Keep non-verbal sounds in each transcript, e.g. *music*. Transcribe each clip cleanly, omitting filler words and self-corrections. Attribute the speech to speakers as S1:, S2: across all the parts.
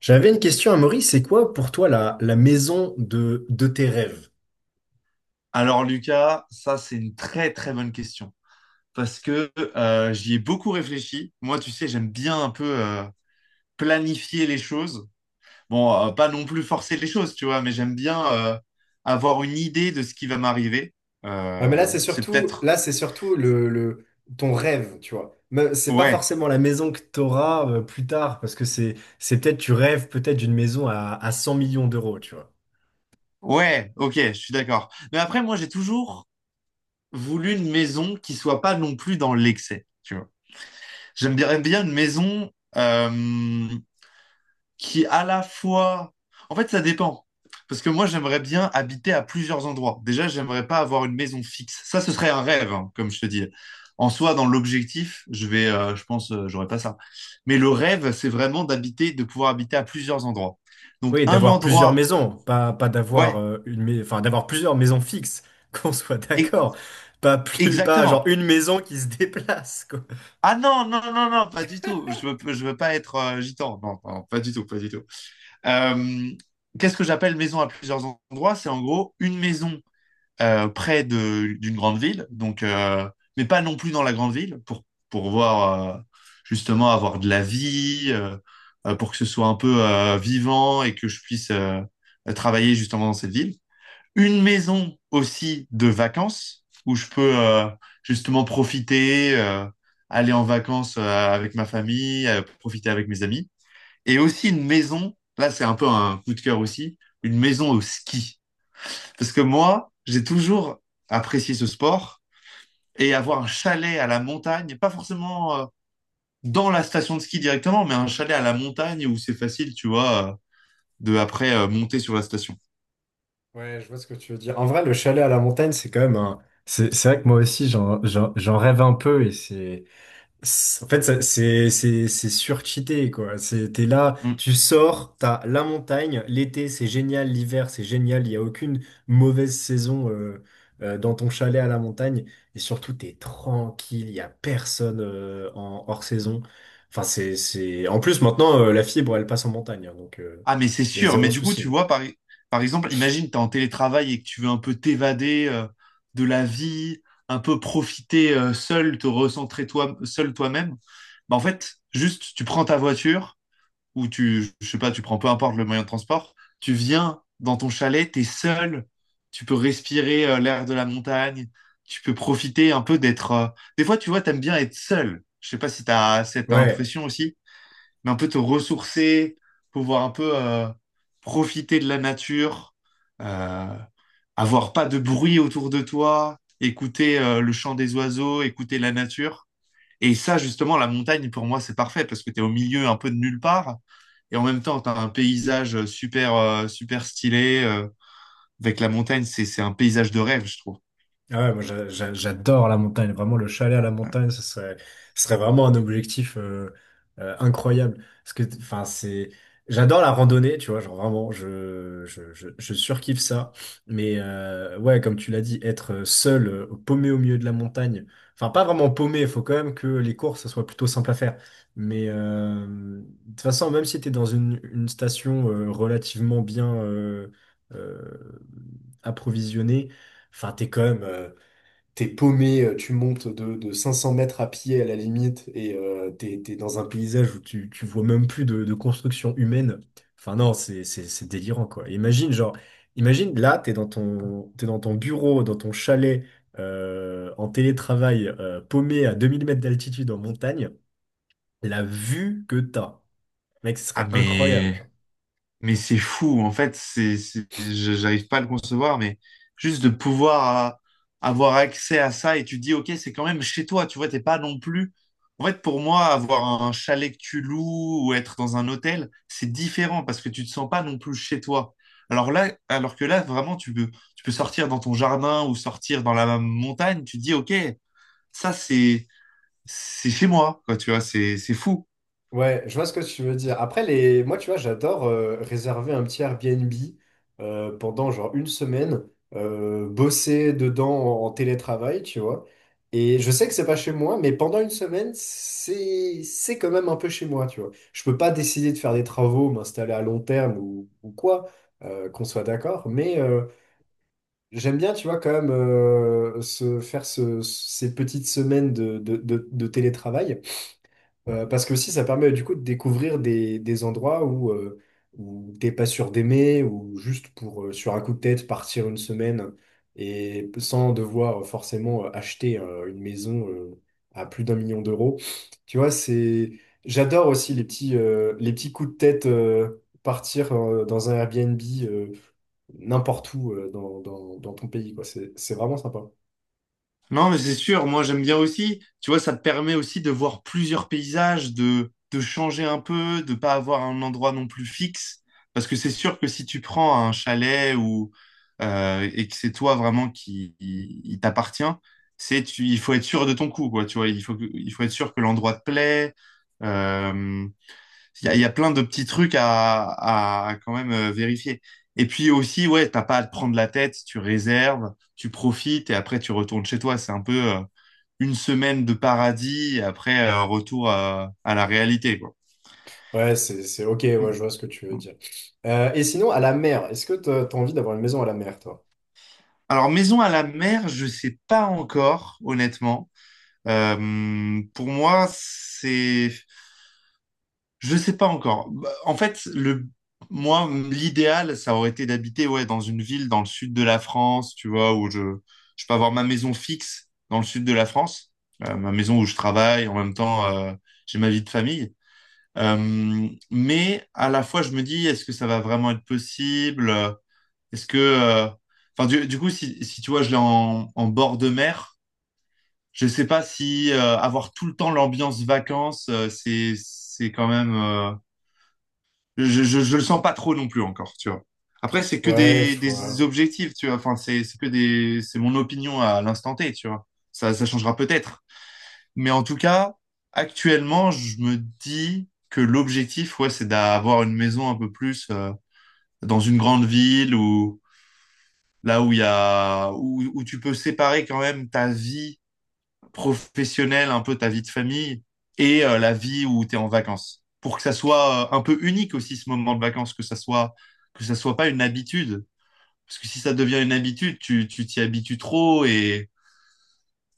S1: J'avais une question à Maurice, c'est quoi pour toi la maison de tes rêves?
S2: Alors Lucas, ça c'est une très très bonne question parce que j'y ai beaucoup réfléchi. Moi, tu sais, j'aime bien un peu planifier les choses. Bon, pas non plus forcer les choses, tu vois, mais j'aime bien avoir une idée de ce qui va m'arriver.
S1: Ouais, mais là,
S2: Euh,
S1: c'est
S2: c'est
S1: surtout,
S2: peut-être...
S1: là, c'est surtout le, le- ton rêve, tu vois. Mais c'est pas
S2: Ouais,
S1: forcément la maison que tu auras plus tard, parce que c'est peut-être, tu rêves peut-être d'une maison à 100 millions d'euros, tu vois.
S2: ouais, ok, je suis d'accord. Mais après, moi, j'ai toujours voulu une maison qui soit pas non plus dans l'excès, tu vois. J'aimerais bien bien une maison... euh, qui à la fois... En fait, ça dépend. Parce que moi, j'aimerais bien habiter à plusieurs endroits. Déjà, j'aimerais pas avoir une maison fixe. Ça, ce serait un rêve, hein, comme je te dis. En soi, dans l'objectif, je vais, je pense, j'aurais pas ça. Mais le rêve, c'est vraiment d'habiter, de pouvoir habiter à plusieurs endroits. Donc,
S1: Oui,
S2: un
S1: d'avoir plusieurs
S2: endroit,
S1: maisons, pas d'avoir
S2: ouais,
S1: une, mais- enfin, d'avoir plusieurs maisons fixes, *laughs* qu'on soit
S2: e-
S1: d'accord. Pas plus, pas genre
S2: exactement.
S1: une maison qui se déplace.
S2: Ah non, non, non, non, pas du tout. Je veux pas être gitan. Non, non, pas du tout, pas du tout. Euh, qu'est-ce que j'appelle maison à plusieurs endroits? C'est en gros une maison près de, d'une grande ville, donc, mais pas non plus dans la grande ville, pour voir, justement, avoir de la vie, pour que ce soit un peu vivant et que je puisse travailler justement dans cette ville. Une maison aussi de vacances, où je peux justement profiter, aller en vacances avec ma famille, profiter avec mes amis. Et aussi une maison, là c'est un peu un coup de cœur aussi, une maison au ski. Parce que moi, j'ai toujours apprécié ce sport et avoir un chalet à la montagne, pas forcément dans la station de ski directement, mais un chalet à la montagne où c'est facile, tu vois, de après monter sur la station.
S1: Ouais, je vois ce que tu veux dire. En vrai, le chalet à la montagne, c'est quand même un... C'est vrai que moi aussi, j'en rêve un peu et c'est... En fait, c'est surcheaté, quoi. T'es là,
S2: Mm.
S1: tu sors, t'as la montagne, l'été, c'est génial, l'hiver, c'est génial, il n'y a aucune mauvaise saison dans ton chalet à la montagne. Et surtout, t'es tranquille, il n'y a personne en hors saison. Enfin, c'est... En plus, maintenant, la fibre, elle passe en montagne, hein, donc
S2: Ah, mais c'est
S1: il y a
S2: sûr. Mais
S1: zéro
S2: du coup, tu
S1: souci.
S2: vois, par, par exemple, imagine, t'es en télétravail et que tu veux un peu t'évader de la vie, un peu profiter seul, te recentrer toi, seul toi-même. Bah, en fait, juste, tu prends ta voiture. Où tu, je sais pas, tu prends peu importe le moyen de transport, tu viens dans ton chalet, t'es seul, tu peux respirer l'air de la montagne, tu peux profiter un peu d'être. Des fois, tu vois, t'aimes bien être seul. Je sais pas si t'as cette
S1: Ouais.
S2: impression aussi, mais un peu te ressourcer, pouvoir un peu profiter de la nature, euh, avoir pas de bruit autour de toi, écouter le chant des oiseaux, écouter la nature. Et ça, justement, la montagne, pour moi, c'est parfait parce que tu es au milieu un peu de nulle part. Et en même temps, tu as un paysage super, super stylé. Avec la montagne, c'est un paysage de rêve, je trouve.
S1: Ah ouais, moi j'adore la montagne, vraiment le chalet à la montagne, ce serait vraiment un objectif incroyable. Parce que, enfin, c'est, j'adore la randonnée, tu vois, genre vraiment, je surkiffe ça. Mais ouais, comme tu l'as dit, être seul, paumé au milieu de la montagne, enfin, pas vraiment paumé, il faut quand même que les courses, ça soit plutôt simple à faire. Mais de toute façon, même si tu es dans une station relativement bien euh, approvisionnée. Enfin, t'es paumé, tu montes de 500 mètres à pied à la limite et t'es dans un paysage où tu vois même plus de construction humaine. Enfin non, c'est délirant quoi. Imagine là, t'es dans ton bureau, dans ton chalet, en télétravail, paumé à 2000 mètres d'altitude en montagne. La vue que t'as, mec, ce
S2: Ah,
S1: serait incroyable.
S2: mais
S1: Genre.
S2: Mais c'est fou, en fait, c'est, j'arrive pas à le concevoir, mais juste de pouvoir avoir accès à ça et tu te dis, ok, c'est quand même chez toi, tu vois, t'es pas non plus. En fait, pour moi, avoir un chalet que tu loues ou être dans un hôtel, c'est différent parce que tu te sens pas non plus chez toi. Alors là, alors que là, vraiment, tu peux sortir dans ton jardin ou sortir dans la montagne, tu te dis, ok, ça, c'est chez moi, quoi, tu vois, c'est fou.
S1: Ouais, je vois ce que tu veux dire. Après, les... moi, tu vois, j'adore réserver un petit Airbnb pendant genre une semaine, bosser dedans en télétravail, tu vois. Et je sais que c'est pas chez moi, mais pendant une semaine, c'est quand même un peu chez moi, tu vois. Je peux pas décider de faire des travaux, m'installer à long terme ou quoi, qu'on soit d'accord, mais j'aime bien, tu vois, quand même se faire ces petites semaines de télétravail. Parce que aussi, ça permet du coup de découvrir des endroits où, où t'es pas sûr d'aimer, ou juste pour, sur un coup de tête, partir une semaine et sans devoir forcément acheter une maison à plus d'un million d'euros. Tu vois, c'est... J'adore aussi les petits coups de tête, partir dans un Airbnb euh, n'importe où dans ton pays, quoi. C'est vraiment sympa.
S2: Non, mais c'est sûr, moi j'aime bien aussi. Tu vois, ça te permet aussi de voir plusieurs paysages, de changer un peu, de pas avoir un endroit non plus fixe. Parce que c'est sûr que si tu prends un chalet ou et que c'est toi vraiment il t'appartient, il faut être sûr de ton coup, quoi. Tu vois, il faut, il faut être sûr que l'endroit te plaît. euh, il y a, il y a plein de petits trucs à quand même vérifier. Et puis aussi, ouais, t'as pas à te prendre la tête, tu réserves, tu profites et après tu retournes chez toi. C'est un peu une semaine de paradis et après retour à la réalité, quoi.
S1: Ouais, c'est ok, ouais,
S2: Mm,
S1: je vois ce que tu veux
S2: mm.
S1: dire. Et sinon, à la mer, est-ce que t'as envie d'avoir une maison à la mer, toi?
S2: Alors, maison à la mer, je sais pas encore, honnêtement. Pour moi, c'est... Je sais pas encore. Bah, en fait, moi, l'idéal, ça aurait été d'habiter ouais, dans une ville dans le sud de la France, tu vois, où je peux avoir ma maison fixe dans le sud de la France, ma maison où je travaille, en même temps, j'ai ma vie de famille. Mais à la fois, je me dis, est-ce que ça va vraiment être possible? Est-ce que... euh, Enfin, du coup, si, si tu vois, je l'ai en, en bord de mer, je sais pas si avoir tout le temps l'ambiance vacances, c'est quand même... je le sens pas trop non plus encore, tu vois. Après, c'est que
S1: Ouais, je
S2: des
S1: vois.
S2: objectifs, tu vois. Enfin, c'est mon opinion à l'instant T, tu vois. Ça changera peut-être. Mais en tout cas, actuellement, je me dis que l'objectif, ouais, c'est d'avoir une maison un peu plus dans une grande ville ou là où il y a, où, où tu peux séparer quand même ta vie professionnelle, un peu ta vie de famille et la vie où tu es en vacances. Pour que ça soit un peu unique aussi ce moment de vacances, que ça soit pas une habitude. Parce que si ça devient une habitude, tu t'y habitues trop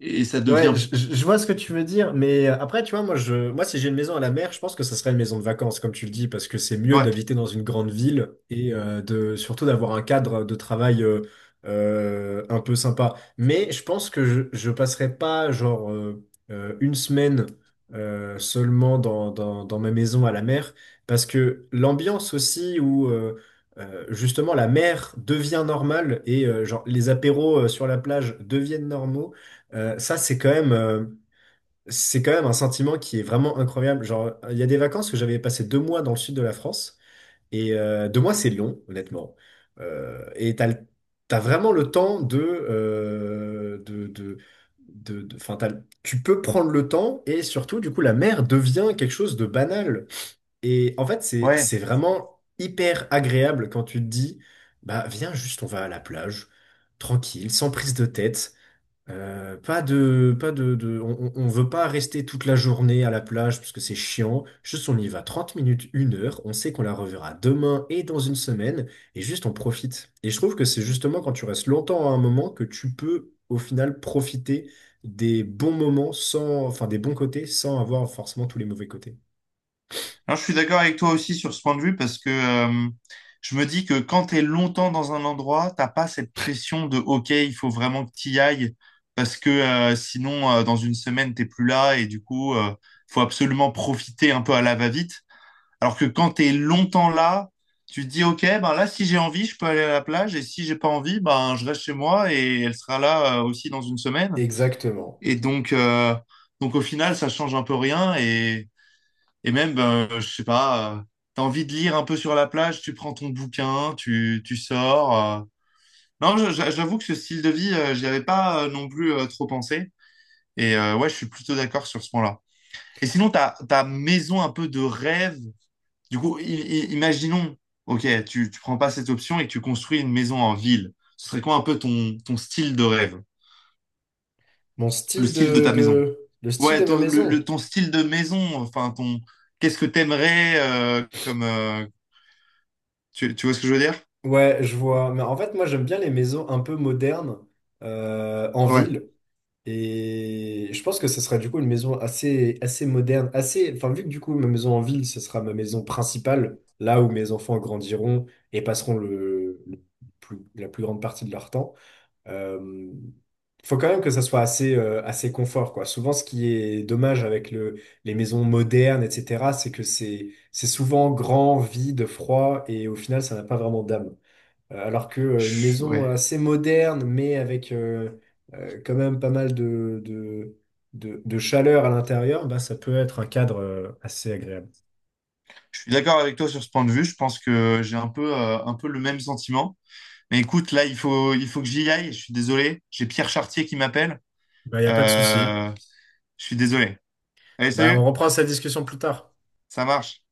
S2: et ça
S1: Ouais,
S2: devient...
S1: je vois ce que tu veux dire, mais après, tu vois, moi, si j'ai une maison à la mer, je pense que ça serait une maison de vacances, comme tu le dis, parce que c'est mieux
S2: Ouais,
S1: d'habiter dans une grande ville et de surtout d'avoir un cadre de travail un peu sympa. Mais je pense que je passerai pas genre une semaine seulement dans ma maison à la mer, parce que l'ambiance aussi où justement la mer devient normale et genre les apéros sur la plage deviennent normaux. Ça, c'est quand même un sentiment qui est vraiment incroyable. Genre, il y a des vacances où j'avais passé deux mois dans le sud de la France. Et deux mois, c'est long, honnêtement. Et t'as vraiment le temps de. Tu peux prendre le temps et surtout, du coup, la mer devient quelque chose de banal. Et en fait, c'est,
S2: ouais.
S1: c'est vraiment hyper agréable quand tu te dis, bah, viens juste, on va à la plage, tranquille, sans prise de tête. Pas de, pas de, de- On veut pas rester toute la journée à la plage parce que c'est chiant. Juste, on y va 30 minutes, une heure. On sait qu'on la reverra demain et dans une semaine. Et juste, on profite. Et je trouve que c'est justement quand tu restes longtemps à un moment que tu peux, au final, profiter des bons moments sans, enfin, des bons côtés sans avoir forcément tous les mauvais côtés.
S2: Alors, je suis d'accord avec toi aussi sur ce point de vue parce que je me dis que quand tu es longtemps dans un endroit, t'as pas cette pression de OK, il faut vraiment que tu y ailles parce que sinon, dans une semaine, t'es plus là et du coup, faut absolument profiter un peu à la va-vite. Alors que quand tu es longtemps là, tu te dis OK, ben là, si j'ai envie, je peux aller à la plage et si j'ai pas envie, ben je reste chez moi et elle sera là aussi dans une semaine.
S1: Exactement.
S2: Et donc au final, ça change un peu rien et et même, ben, je sais pas, t'as envie de lire un peu sur la plage, tu prends ton bouquin, tu sors. euh. Non, j'avoue que ce style de vie, j'y avais pas non plus trop pensé. Et ouais, je suis plutôt d'accord sur ce point-là. Et sinon, ta, ta maison un peu de rêve, du coup, imaginons, ok, tu prends pas cette option et que tu construis une maison en ville. Ce serait quoi un peu ton, ton style de rêve?
S1: Mon
S2: Le
S1: style
S2: style de ta maison?
S1: de, le style
S2: Ouais,
S1: de ma
S2: ton,
S1: maison.
S2: ton style de maison, enfin, ton, qu'est-ce que t'aimerais comme... Tu, tu vois ce que je veux dire?
S1: Ouais, je vois. Mais en fait, moi, j'aime bien les maisons un peu modernes en
S2: Ouais,
S1: ville. Et je pense que ce serait du coup une maison assez, assez moderne, assez. Enfin, vu que du coup, ma maison en ville, ce sera ma maison principale, là où mes enfants grandiront et passeront la plus grande partie de leur temps. Euh, Faut quand même que ça soit assez, assez confort, quoi. Souvent, ce qui est dommage avec les maisons modernes, etc., c'est que c'est souvent grand, vide, froid, et au final, ça n'a pas vraiment d'âme. Alors que une maison
S2: ouais.
S1: assez moderne, mais avec quand même pas mal de chaleur à l'intérieur, bah, ça peut être un cadre assez agréable.
S2: Je suis d'accord avec toi sur ce point de vue. Je pense que j'ai un peu le même sentiment. Mais écoute, là, il faut que j'y aille. Je suis désolé. J'ai Pierre Chartier qui m'appelle.
S1: Bah, il n'y a pas de souci.
S2: Euh, je suis désolé. Allez,
S1: Bah, on
S2: salut.
S1: reprend cette discussion plus tard.
S2: Ça marche.